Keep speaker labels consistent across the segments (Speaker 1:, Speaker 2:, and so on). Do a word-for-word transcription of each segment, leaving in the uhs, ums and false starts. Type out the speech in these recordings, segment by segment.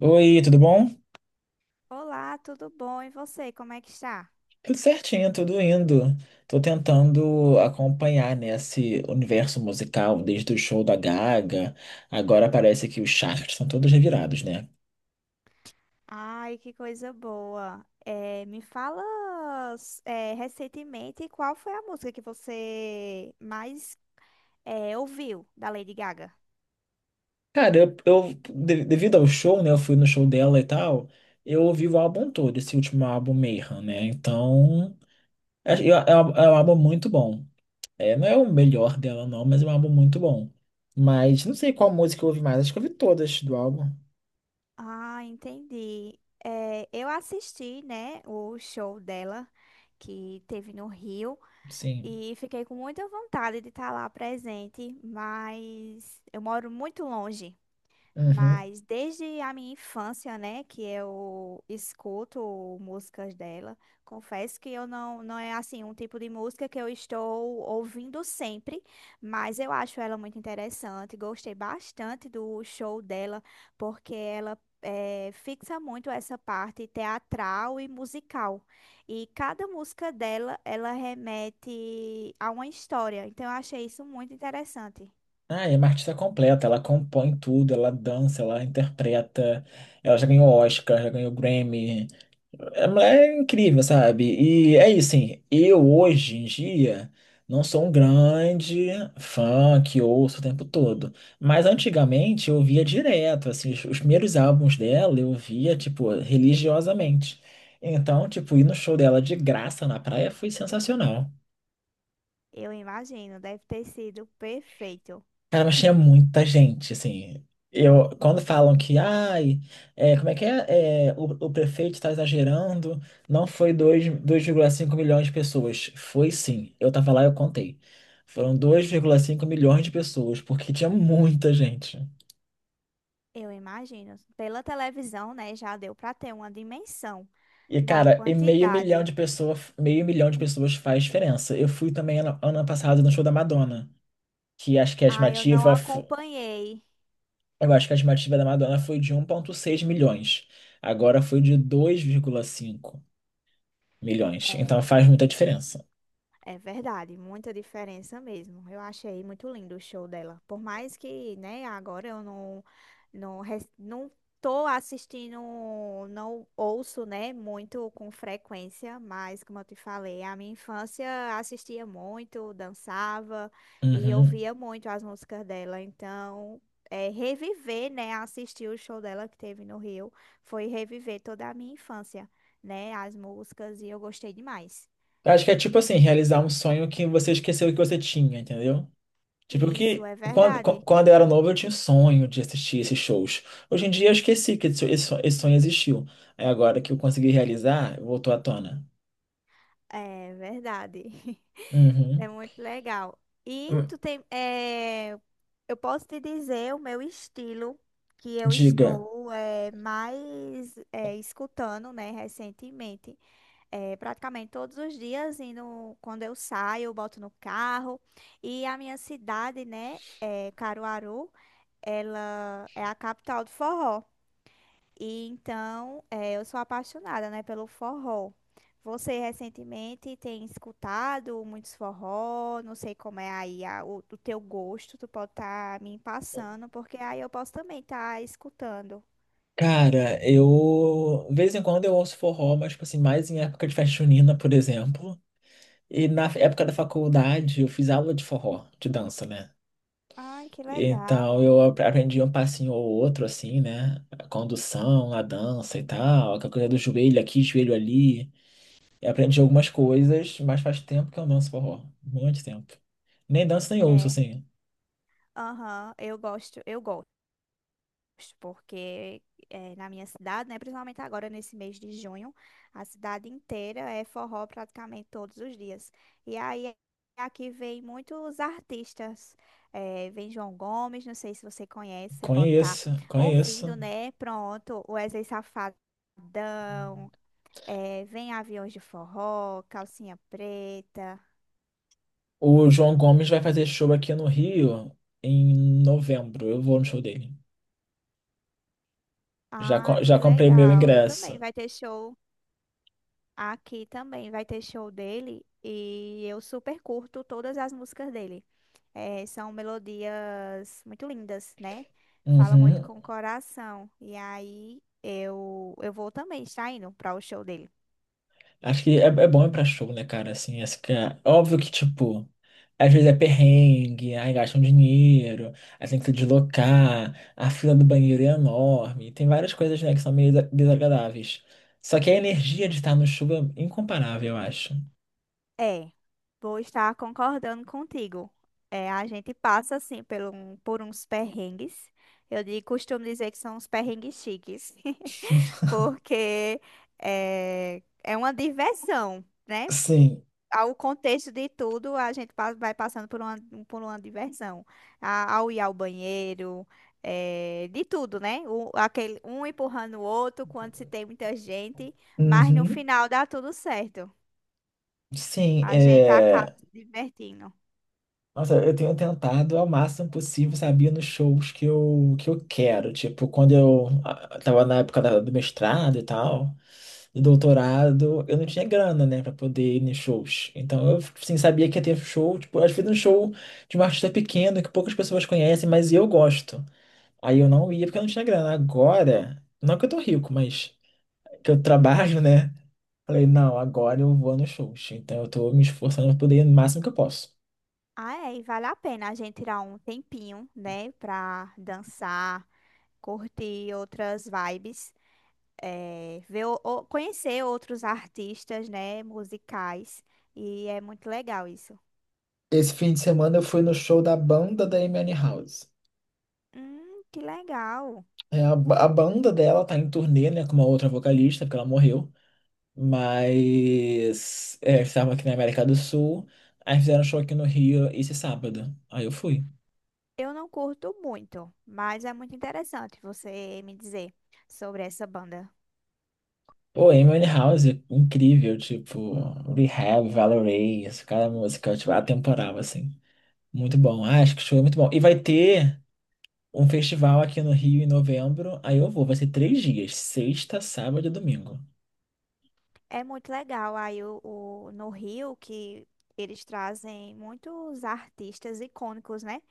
Speaker 1: Oi, tudo bom?
Speaker 2: Olá, tudo bom? E você, como é que está?
Speaker 1: Tudo certinho, tudo indo. Tô tentando acompanhar nesse universo musical desde o show da Gaga. Agora parece que os chakras estão todos revirados, né?
Speaker 2: Ai, que coisa boa. É, me fala, é, recentemente qual foi a música que você mais é, ouviu da Lady Gaga?
Speaker 1: Cara, eu, eu- de- devido ao show, né? Eu fui no show dela e tal. Eu ouvi o álbum todo, esse último álbum Mayhem, né? Então, é, é, é um é um álbum muito bom. É, não é o melhor dela, não, mas é um álbum muito bom. Mas não sei qual música eu ouvi mais. Acho que eu ouvi todas do álbum.
Speaker 2: Ah, entendi. É, eu assisti, né, o show dela que teve no Rio
Speaker 1: Sim.
Speaker 2: e fiquei com muita vontade de estar lá presente, mas eu moro muito longe.
Speaker 1: Uhum.
Speaker 2: Mas desde a minha infância, né, que eu escuto músicas dela, confesso que eu não, não é assim um tipo de música que eu estou ouvindo sempre, mas eu acho ela muito interessante. Gostei bastante do show dela, porque ela eh, fixa muito essa parte teatral e musical. E cada música dela, ela remete a uma história. Então eu achei isso muito interessante.
Speaker 1: Ah, é uma artista completa, ela compõe tudo, ela dança, ela interpreta, ela já ganhou Oscar, já ganhou Grammy. A mulher é incrível, sabe? E é isso, assim, eu hoje em dia não sou um grande fã que ouço o tempo todo, mas antigamente eu via direto, assim, os, os primeiros álbuns dela eu via, tipo, religiosamente. Então, tipo, ir no show dela de graça na praia foi sensacional.
Speaker 2: Eu imagino, deve ter sido perfeito.
Speaker 1: Cara, mas tinha muita gente, assim. Eu, quando falam que, ai, é, como é que é, é, o, o prefeito está exagerando, não foi dois- 2,5 milhões de pessoas. Foi sim. Eu tava lá, e eu contei. Foram dois vírgula cinco milhões de pessoas, porque tinha muita gente.
Speaker 2: Eu imagino. Pela televisão, né, já deu para ter uma dimensão
Speaker 1: E,
Speaker 2: da
Speaker 1: cara, e meio milhão
Speaker 2: quantidade.
Speaker 1: de pessoas, meio milhão de pessoas faz diferença. Eu fui também ano, ano passado no show da Madonna, que acho que é a
Speaker 2: Ah, eu não
Speaker 1: estimativa
Speaker 2: acompanhei.
Speaker 1: eu acho que a estimativa da Madonna foi de um vírgula seis milhões. Agora foi de dois vírgula cinco milhões.
Speaker 2: É,
Speaker 1: Então faz muita diferença.
Speaker 2: é verdade, muita diferença mesmo. Eu achei muito lindo o show dela. Por mais que, né, agora eu não não res- não tô assistindo, não ouço, né, muito com frequência, mas como eu te falei, a minha infância assistia muito, dançava e
Speaker 1: Uhum.
Speaker 2: ouvia muito as músicas dela. Então, é, reviver, né, assistir o show dela que teve no Rio, foi reviver toda a minha infância, né, as músicas e eu gostei demais.
Speaker 1: Eu acho que é tipo assim, realizar um sonho que você esqueceu que você tinha, entendeu? Tipo
Speaker 2: Isso
Speaker 1: que
Speaker 2: é
Speaker 1: quando, qu-
Speaker 2: verdade.
Speaker 1: quando eu era novo eu tinha o sonho de assistir esses shows. Hoje em dia eu esqueci que esse, esse sonho esse sonho existiu. Aí agora que eu consegui realizar, voltou à tona.
Speaker 2: É verdade.
Speaker 1: Uhum.
Speaker 2: É muito legal. E
Speaker 1: Hum,
Speaker 2: tu tem, é, eu posso te dizer o meu estilo que eu
Speaker 1: Diga.
Speaker 2: estou é, mais é, escutando, né, recentemente. É, praticamente todos os dias, indo, quando eu saio, eu boto no carro. E a minha cidade, né, é, Caruaru, ela é a capital do forró. E então, eh, eu sou apaixonada, né, pelo forró. Você recentemente tem escutado muitos forró, não sei como é aí a- o, o teu gosto, tu pode estar me passando, porque aí eu posso também estar escutando.
Speaker 1: Cara, eu de vez em quando eu ouço forró, mas tipo assim, mais em época de festa junina, por exemplo. E na época da faculdade eu fiz aula de forró, de dança, né?
Speaker 2: Ai, que
Speaker 1: Então
Speaker 2: legal.
Speaker 1: eu ap- aprendi um passinho ou outro, assim, né? A condução, a dança e tal, aquela coisa do joelho aqui, joelho ali. E aprendi algumas coisas, mas faz tempo que eu não danço forró. Muito tempo. Nem danço nem ouço,
Speaker 2: É,
Speaker 1: assim.
Speaker 2: aham, eu gosto, eu gosto. Porque eh, na minha cidade, né, principalmente agora nesse mês de junho, a cidade inteira é forró praticamente todos os dias. E aí aqui vem muitos artistas, eh, vem João Gomes, não sei se você conhece, você pode estar
Speaker 1: Conheço, conheço.
Speaker 2: ouvindo, né? Pronto, o Wesley Safadão, eh, vem Aviões de Forró, Calcinha Preta.
Speaker 1: O João Gomes vai fazer show aqui no Rio em novembro. Eu vou no show dele. Já,
Speaker 2: Ah,
Speaker 1: co- já
Speaker 2: que
Speaker 1: comprei meu
Speaker 2: legal! Eu também.
Speaker 1: ingresso.
Speaker 2: Vai ter show. Aqui também vai ter show dele e eu super curto todas as músicas dele. Eh, são melodias muito lindas, né? Fala muito
Speaker 1: Uhum.
Speaker 2: com o coração. E aí eu, eu vou também estar indo para o show dele.
Speaker 1: Acho que é, é bom ir pra show, né, cara? Assim, acho que é é óbvio que, tipo, às vezes é perrengue, aí gastam dinheiro, aí tem que se deslocar, a fila do banheiro é enorme, tem várias coisas, né, que são meio desa- desagradáveis. Só que a energia de estar no show é incomparável, eu acho.
Speaker 2: É, vou estar concordando contigo. É, a gente passa assim por, um, por uns perrengues. Eu di- costumo dizer que são uns perrengues chiques, porque é, é uma diversão, né?
Speaker 1: Sim,
Speaker 2: Ao contexto de tudo, a gente pa- vai passando por uma, por uma diversão. A- ao ir ao banheiro, eh, de tudo, né? O- aquele, um empurrando o outro quando se tem muita gente, mas no
Speaker 1: uhum.
Speaker 2: final dá tudo certo.
Speaker 1: Sim,
Speaker 2: A gente acaba
Speaker 1: é...
Speaker 2: se divertindo.
Speaker 1: Nossa, eu tenho tentado ao máximo possível, sabia, nos shows que eu, que eu quero. Tipo, quando eu ah, tava na época da- do mestrado e tal, do doutorado, eu não tinha grana, né, pra poder ir em shows. Então eu, assim, sabia que ia ter show, tipo, às vezes um show de um artista pequeno que poucas pessoas conhecem, mas eu gosto. Aí eu não ia porque eu não tinha grana. Agora, não que eu tô rico, mas que eu trabalho, né? Falei, não, agora eu vou nos shows. Então eu tô me esforçando pra poder ir no máximo que eu posso.
Speaker 2: Ah, é, e vale a pena a gente tirar um tempinho, né, pra dançar, curtir outras vibes, eh, ver, o- o- conhecer outros artistas, né, musicais, e é muito legal isso.
Speaker 1: Esse fim de semana eu fui no show da banda da Amy House.
Speaker 2: Hum, que legal.
Speaker 1: a, a banda dela tá em turnê, né, com uma outra vocalista, porque ela morreu. Mas é, estavam aqui na América do Sul, aí fizeram um show aqui no Rio esse sábado. Aí eu fui.
Speaker 2: Eu não curto muito, mas é muito interessante você me dizer sobre essa banda.
Speaker 1: Pô, Amy House, incrível, tipo, Rehab, Valorous, cada música, tipo, atemporal, assim. Muito bom. Ah, acho que o show é muito bom. E vai ter um festival aqui no Rio em novembro, aí eu vou, vai ser três dias, sexta, sábado e domingo.
Speaker 2: É muito legal. Aí o, o- no Rio que eles trazem muitos artistas icônicos, né?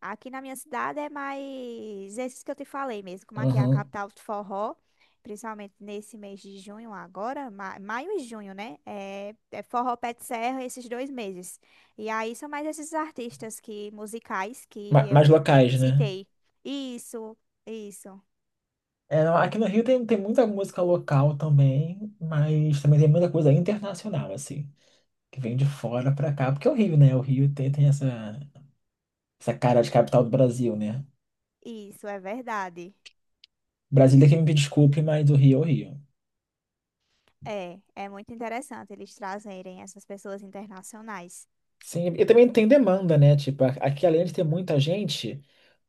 Speaker 2: Aqui na minha cidade é mais esses que eu te falei mesmo, como aqui é a
Speaker 1: Uhum.
Speaker 2: capital do forró, principalmente nesse mês de junho agora, ma- maio e junho, né? É, é forró pé de serra esses dois meses. E aí são mais esses artistas que musicais que
Speaker 1: Ma- Mais
Speaker 2: eu
Speaker 1: locais, né?
Speaker 2: citei. Isso, isso,
Speaker 1: É, não, aqui no Rio tem, tem muita música local também, mas também tem muita coisa internacional, assim, que vem de fora pra cá, porque é o Rio, né? O Rio tem, tem essa, essa, cara de capital do Brasil, né?
Speaker 2: isso é verdade.
Speaker 1: Brasília que me desculpe, mas o Rio é o Rio.
Speaker 2: É, é muito interessante eles trazerem essas pessoas internacionais.
Speaker 1: Sim, e também tem demanda, né? Tipo, a- aqui além de ter muita gente,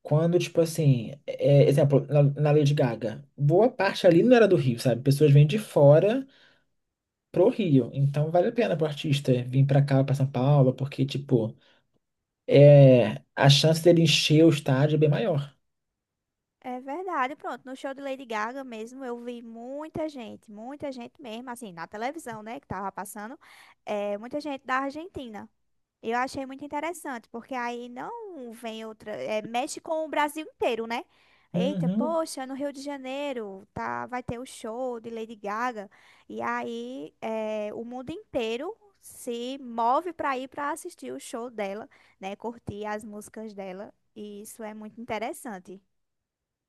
Speaker 1: quando, tipo assim, é, exemplo, na, na Lady Gaga, boa parte ali não era do Rio, sabe? Pessoas vêm de fora pro Rio. Então vale a pena pro artista vir pra cá, pra São Paulo, porque, tipo, é, a chance dele encher o estádio é bem maior.
Speaker 2: É verdade, pronto. No show de Lady Gaga mesmo, eu vi muita gente, muita gente mesmo, assim, na televisão, né, que tava passando, é, muita gente da Argentina. Eu achei muito interessante, porque aí não vem outra, é, mexe com o Brasil inteiro, né? Eita,
Speaker 1: Uhum.
Speaker 2: poxa, no Rio de Janeiro tá, vai ter o show de Lady Gaga. E aí é, o mundo inteiro se move para ir para assistir o show dela, né? Curtir as músicas dela. E isso é muito interessante.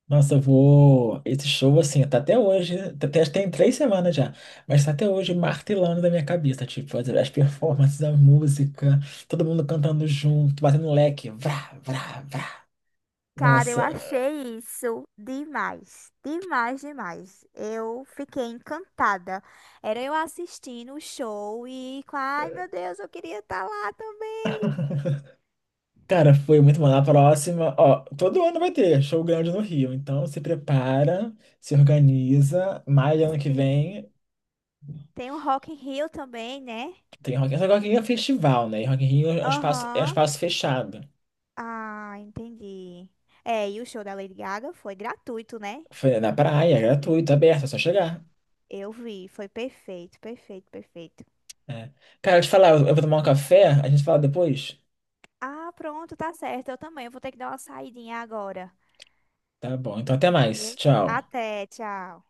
Speaker 1: Nossa, eu vou. Esse show, assim, tá até hoje. Tá até, tem três semanas já. Mas tá até hoje martelando na minha cabeça. Tipo, as, as performances, a música, todo mundo cantando junto, batendo leque. Vrá, vrá, vrá.
Speaker 2: Cara, eu
Speaker 1: Nossa.
Speaker 2: achei isso demais, demais, demais. Eu fiquei encantada. Era eu assistindo o show e, com- ai meu Deus, eu queria estar lá também.
Speaker 1: Cara, foi muito bom. Na próxima, ó, todo ano vai ter show grande no Rio. Então se prepara, se organiza. Maio do ano que
Speaker 2: Sim,
Speaker 1: vem
Speaker 2: tem o Rock in Rio também, né?
Speaker 1: tem Rock in Rio. Só que Rock in Rio é festival, né? E Rock in Rio é um espaço, é um
Speaker 2: Aham.
Speaker 1: espaço fechado.
Speaker 2: Ah, entendi. É, e o show da Lady Gaga foi gratuito, né?
Speaker 1: Foi na praia, é gratuito, aberto, é só chegar.
Speaker 2: Eu vi, foi perfeito, perfeito, perfeito.
Speaker 1: É. Cara, deixa eu te falar, eu eu vou tomar um café, a gente fala depois?
Speaker 2: Ah, pronto, tá certo. Eu também vou ter que dar uma saidinha agora.
Speaker 1: Tá bom, então até mais.
Speaker 2: Viu?
Speaker 1: Tchau.
Speaker 2: Até, tchau.